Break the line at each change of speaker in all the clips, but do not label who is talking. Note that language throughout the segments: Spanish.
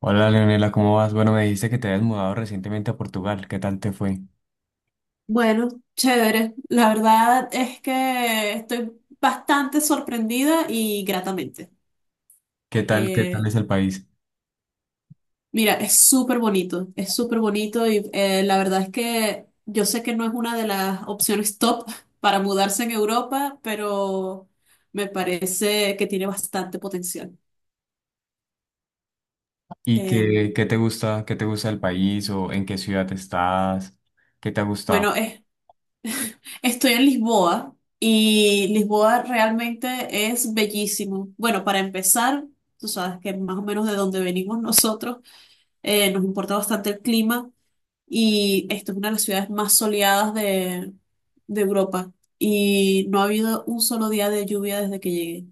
Hola Leonela, ¿cómo vas? Bueno, me dijiste que te habías mudado recientemente a Portugal. ¿Qué tal te fue?
Bueno, chévere. La verdad es que estoy bastante sorprendida y gratamente.
Qué tal
Eh,
es el país?
Mira, es súper bonito y la verdad es que yo sé que no es una de las opciones top para mudarse en Europa, pero me parece que tiene bastante potencial.
¿Y
Eh,
qué, qué te gusta del país o en qué ciudad estás? ¿Qué te ha gustado?
bueno, es- Estoy en Lisboa y Lisboa realmente es bellísimo. Bueno, para empezar. Tú sabes que más o menos de donde venimos nosotros, nos importa bastante el clima y esta es una de las ciudades más soleadas de Europa y no ha habido un solo día de lluvia desde que llegué.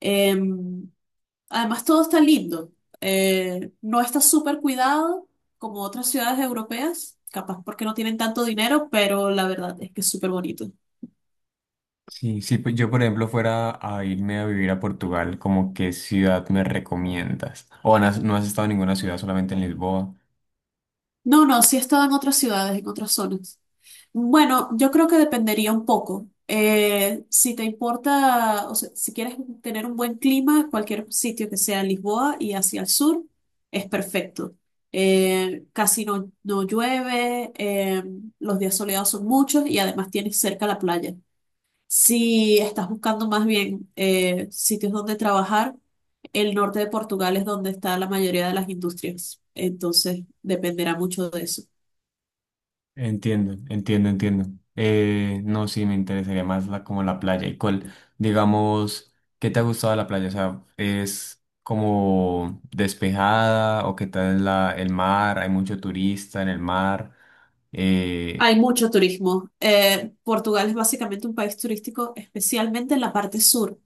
Eh, Además, todo está lindo. No está súper cuidado como otras ciudades europeas, capaz porque no tienen tanto dinero, pero la verdad es que es súper bonito.
Sí, sí, pues yo por ejemplo fuera a irme a vivir a Portugal, ¿como qué ciudad me recomiendas? O no has, no has estado en ninguna ciudad, solamente en Lisboa.
No, no, sí he estado en otras ciudades, en otras zonas. Bueno, yo creo que dependería un poco. Si te importa, o sea, si quieres tener un buen clima, cualquier sitio que sea Lisboa y hacia el sur es perfecto. Casi no llueve, los días soleados son muchos y además tienes cerca la playa. Si estás buscando más bien sitios donde trabajar, el norte de Portugal es donde está la mayoría de las industrias. Entonces, dependerá mucho de eso.
Entiendo, entiendo, entiendo. No, sí, me interesaría más la, como la playa. ¿Y cuál, digamos, qué te ha gustado de la playa? O sea, ¿es como despejada o qué tal la, el mar? ¿Hay mucho turista en el mar? Eh,
Hay mucho turismo. Portugal es básicamente un país turístico, especialmente en la parte sur.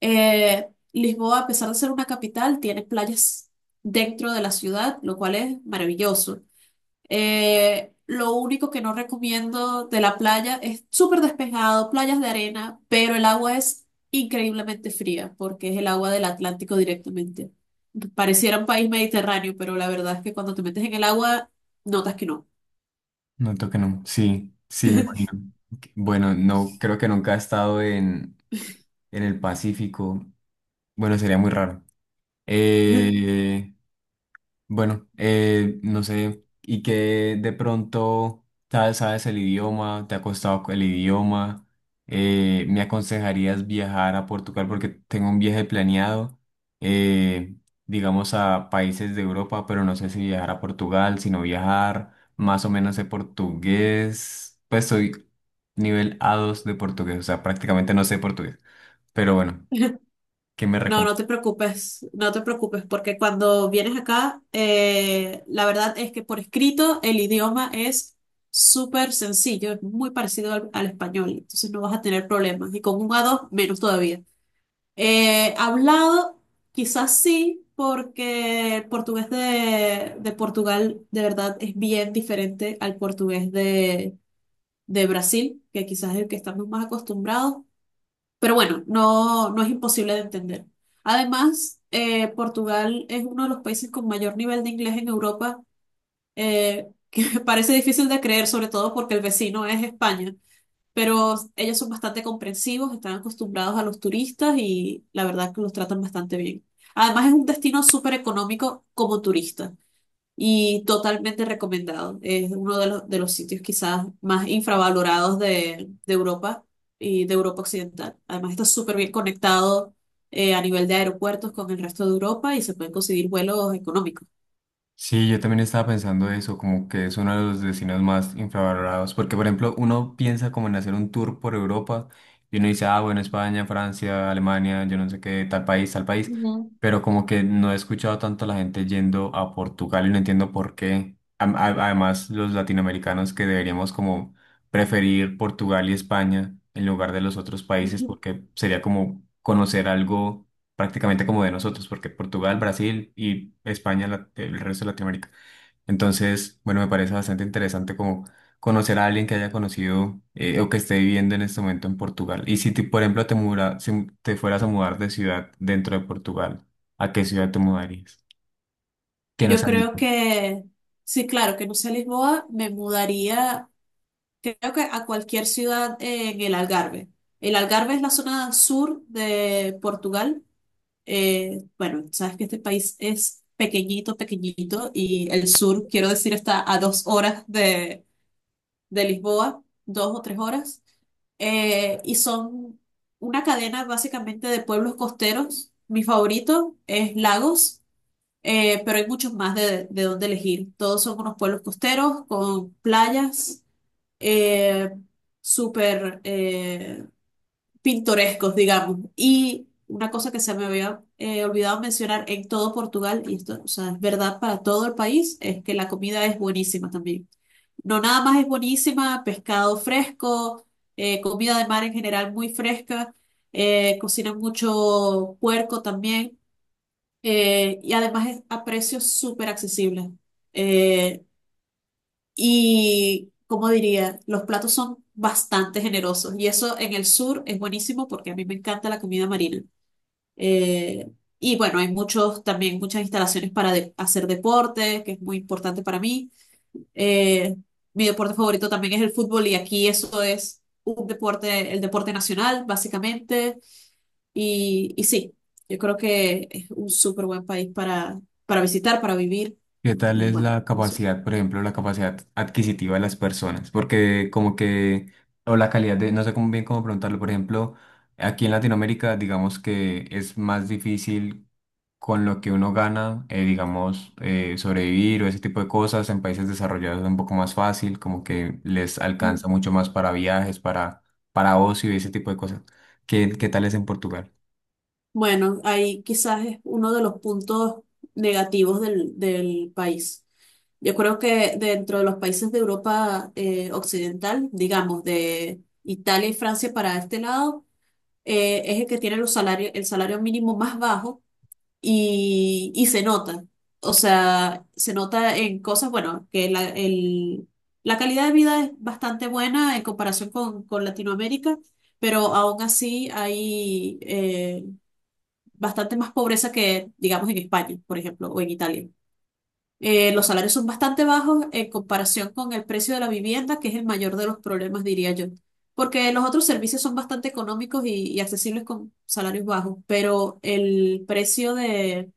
Lisboa, a pesar de ser una capital, tiene playas dentro de la ciudad, lo cual es maravilloso. Lo único que no recomiendo de la playa es súper despejado, playas de arena, pero el agua es increíblemente fría porque es el agua del Atlántico directamente. Pareciera un país mediterráneo, pero la verdad es que cuando te metes en el agua, notas que no.
Noto que no. Sí, sí, me imagino. Ok, bueno, no, creo que nunca he estado en el Pacífico. Bueno, sería muy raro. Eh, Bueno, no sé, y que de pronto sabes, sabes el idioma, te ha costado el idioma, me aconsejarías viajar a Portugal porque tengo un viaje planeado, eh, digamos a países de Europa, pero no sé si viajar a Portugal, sino viajar, más o menos de portugués, pues soy nivel A2 de portugués, o sea, prácticamente no sé portugués, pero bueno, ¿qué me
No,
recomiendas?
no te preocupes, no te preocupes, porque cuando vienes acá, la verdad es que por escrito el idioma es súper sencillo, es muy parecido al español, entonces no vas a tener problemas, y con un A2 menos todavía. Hablado, quizás sí, porque el portugués de Portugal de verdad es bien diferente al portugués de Brasil, que quizás es el que estamos más acostumbrados, pero bueno, no, no es imposible de entender. Además, Portugal es uno de los países con mayor nivel de inglés en Europa, que parece difícil de creer, sobre todo porque el vecino es España. Pero ellos son bastante comprensivos, están acostumbrados a los turistas y la verdad que los tratan bastante bien. Además, es un destino súper económico como turista y totalmente recomendado. Es uno de los sitios quizás más infravalorados de Europa y de Europa Occidental. Además está súper bien conectado a nivel de aeropuertos con el resto de Europa y se pueden conseguir vuelos económicos.
Sí, yo también estaba pensando eso, como que es uno de los destinos más infravalorados, porque por ejemplo uno piensa como en hacer un tour por Europa y uno dice, ah, bueno, España, Francia, Alemania, yo no sé qué, tal país, tal país.
Ujú.
Pero como que no he escuchado tanto a la gente yendo a Portugal y no entiendo por qué. Además, los latinoamericanos que deberíamos como preferir Portugal y España en lugar de los otros países porque sería como conocer algo prácticamente como de nosotros, porque Portugal, Brasil y España, el resto de Latinoamérica. Entonces, bueno, me parece bastante interesante como conocer a alguien que haya conocido o que esté viviendo en este momento en Portugal. Y si, por ejemplo, si te fueras a mudar de ciudad dentro de Portugal, ¿a qué ciudad te mudarías? Que no
Yo
salís.
creo que, sí, claro, que no sea Lisboa, me mudaría, creo que a cualquier ciudad en el Algarve. El Algarve es la zona sur de Portugal. Bueno, sabes que este país es pequeñito, pequeñito y el sur, quiero decir, está a 2 horas de Lisboa, 2 o 3 horas, y son una cadena básicamente de pueblos costeros. Mi favorito es Lagos, pero hay muchos más de dónde elegir. Todos son unos pueblos costeros con playas, eh, súper pintorescos, digamos. Y una cosa que se me había olvidado mencionar en todo Portugal, y esto, o sea, es verdad para todo el país, es que la comida es buenísima también. No nada más es buenísima, pescado fresco, comida de mar en general muy fresca, cocinan mucho puerco también, y además es a precios súper accesibles. Eh, y, como diría, los platos son bastante generosos. Y eso en el sur es buenísimo porque a mí me encanta la comida marina. Eh, y bueno, hay muchos, también muchas instalaciones para hacer deporte, que es muy importante para mí. Eh, Mi deporte favorito también es el fútbol y aquí eso es un deporte, el deporte nacional, básicamente. Y sí, yo creo que es un súper buen país para visitar, para vivir.
¿Qué tal
Y
es
bueno,
la
eso.
capacidad, por ejemplo, la capacidad adquisitiva de las personas? Porque como que, o la calidad de, no sé cómo bien cómo preguntarlo, por ejemplo, aquí en Latinoamérica, digamos que es más difícil con lo que uno gana, digamos, sobrevivir o ese tipo de cosas. En países desarrollados es un poco más fácil, como que les alcanza mucho más para viajes, para ocio y ese tipo de cosas. ¿Qué, qué tal es en Portugal?
Bueno, ahí quizás es uno de los puntos negativos del país. Yo creo que dentro de los países de Europa Occidental, digamos, de Italia y Francia para este lado, es el que tiene los salarios, el salario mínimo más bajo y se nota. O sea, se nota en cosas, bueno, que la calidad de vida es bastante buena en comparación con Latinoamérica, pero aún así hay bastante más pobreza que, digamos, en España, por ejemplo, o en Italia. Los salarios son bastante bajos en comparación con el precio de la vivienda, que es el mayor de los problemas, diría yo. Porque los otros servicios son bastante económicos y accesibles con salarios bajos, pero el precio de,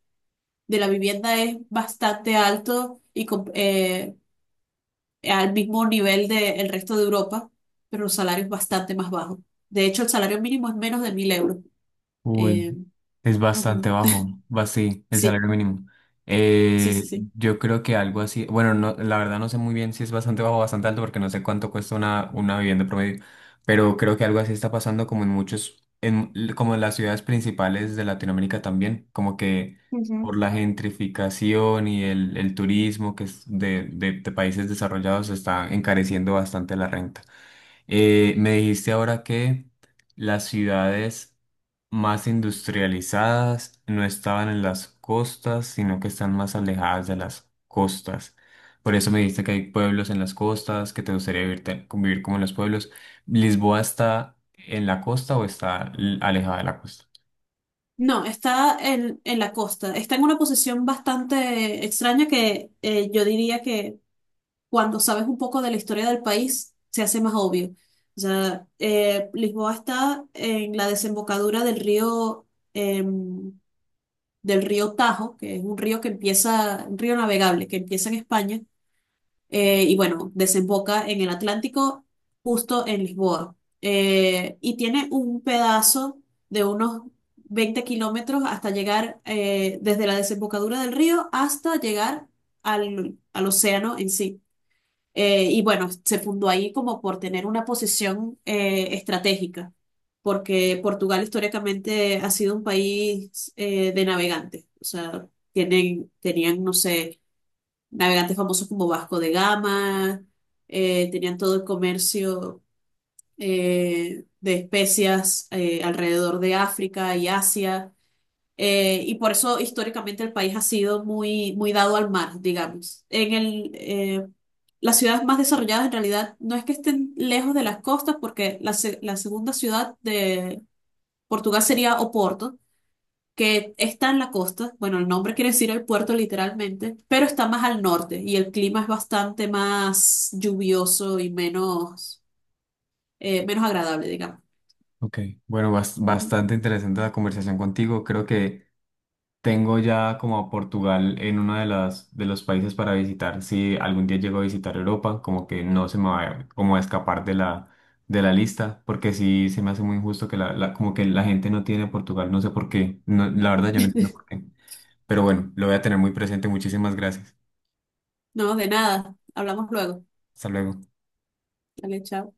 de la vivienda es bastante alto y al mismo nivel del resto de Europa, pero los salarios bastante más bajos. De hecho, el salario mínimo es menos de 1000 euros.
Uy.
Eh,
Es bastante
Ujú,
bajo, va sí, el
sí,
salario mínimo.
sí,
Eh,
sí, sí.
yo creo que algo así, bueno, no, la verdad no sé muy bien si es bastante bajo o bastante alto porque no sé cuánto cuesta una vivienda promedio, pero creo que algo así está pasando como en muchos, en, como en las ciudades principales de Latinoamérica también, como que por
Ujú.
la gentrificación y el turismo que es de, de países desarrollados está encareciendo bastante la renta. Me dijiste ahora que las ciudades más industrializadas no estaban en las costas, sino que están más alejadas de las costas. Por eso me dijiste que hay pueblos en las costas, que te gustaría vivir, convivir como en los pueblos. ¿Lisboa está en la costa o está alejada de la costa?
No, está en la costa. Está en una posición bastante extraña que yo diría que cuando sabes un poco de la historia del país se hace más obvio. O sea, Lisboa está en la desembocadura em, del río Tajo, que es un río navegable que empieza en España y bueno, desemboca en el Atlántico, justo en Lisboa. Y tiene un pedazo de unos 20 kilómetros hasta llegar desde la desembocadura del río hasta llegar al océano en sí. Y bueno, se fundó ahí como por tener una posición estratégica, porque Portugal históricamente ha sido un país de navegantes. O sea, tienen, tenían, no sé navegantes famosos como Vasco de Gama, tenían todo el comercio de especias alrededor de África y Asia, y por eso históricamente el país ha sido muy, muy dado al mar, digamos. Las ciudades más desarrolladas en realidad no es que estén lejos de las costas, porque la segunda ciudad de Portugal sería Oporto que está en la costa, bueno, el nombre quiere decir el puerto literalmente, pero está más al norte y el clima es bastante más lluvioso y menos agradable, digamos.
Ok, bueno,
Ujú.
bastante interesante la conversación contigo. Creo que tengo ya como a Portugal en uno de las de los países para visitar. Si algún día llego a visitar Europa, como que no se me como a escapar de la lista, porque sí se me hace muy injusto que la, como que la gente no tiene Portugal, no sé por qué. No, la verdad yo no entiendo por qué. Pero bueno, lo voy a tener muy presente. Muchísimas gracias.
No, de nada, hablamos luego.
Hasta luego.
Dale, chao.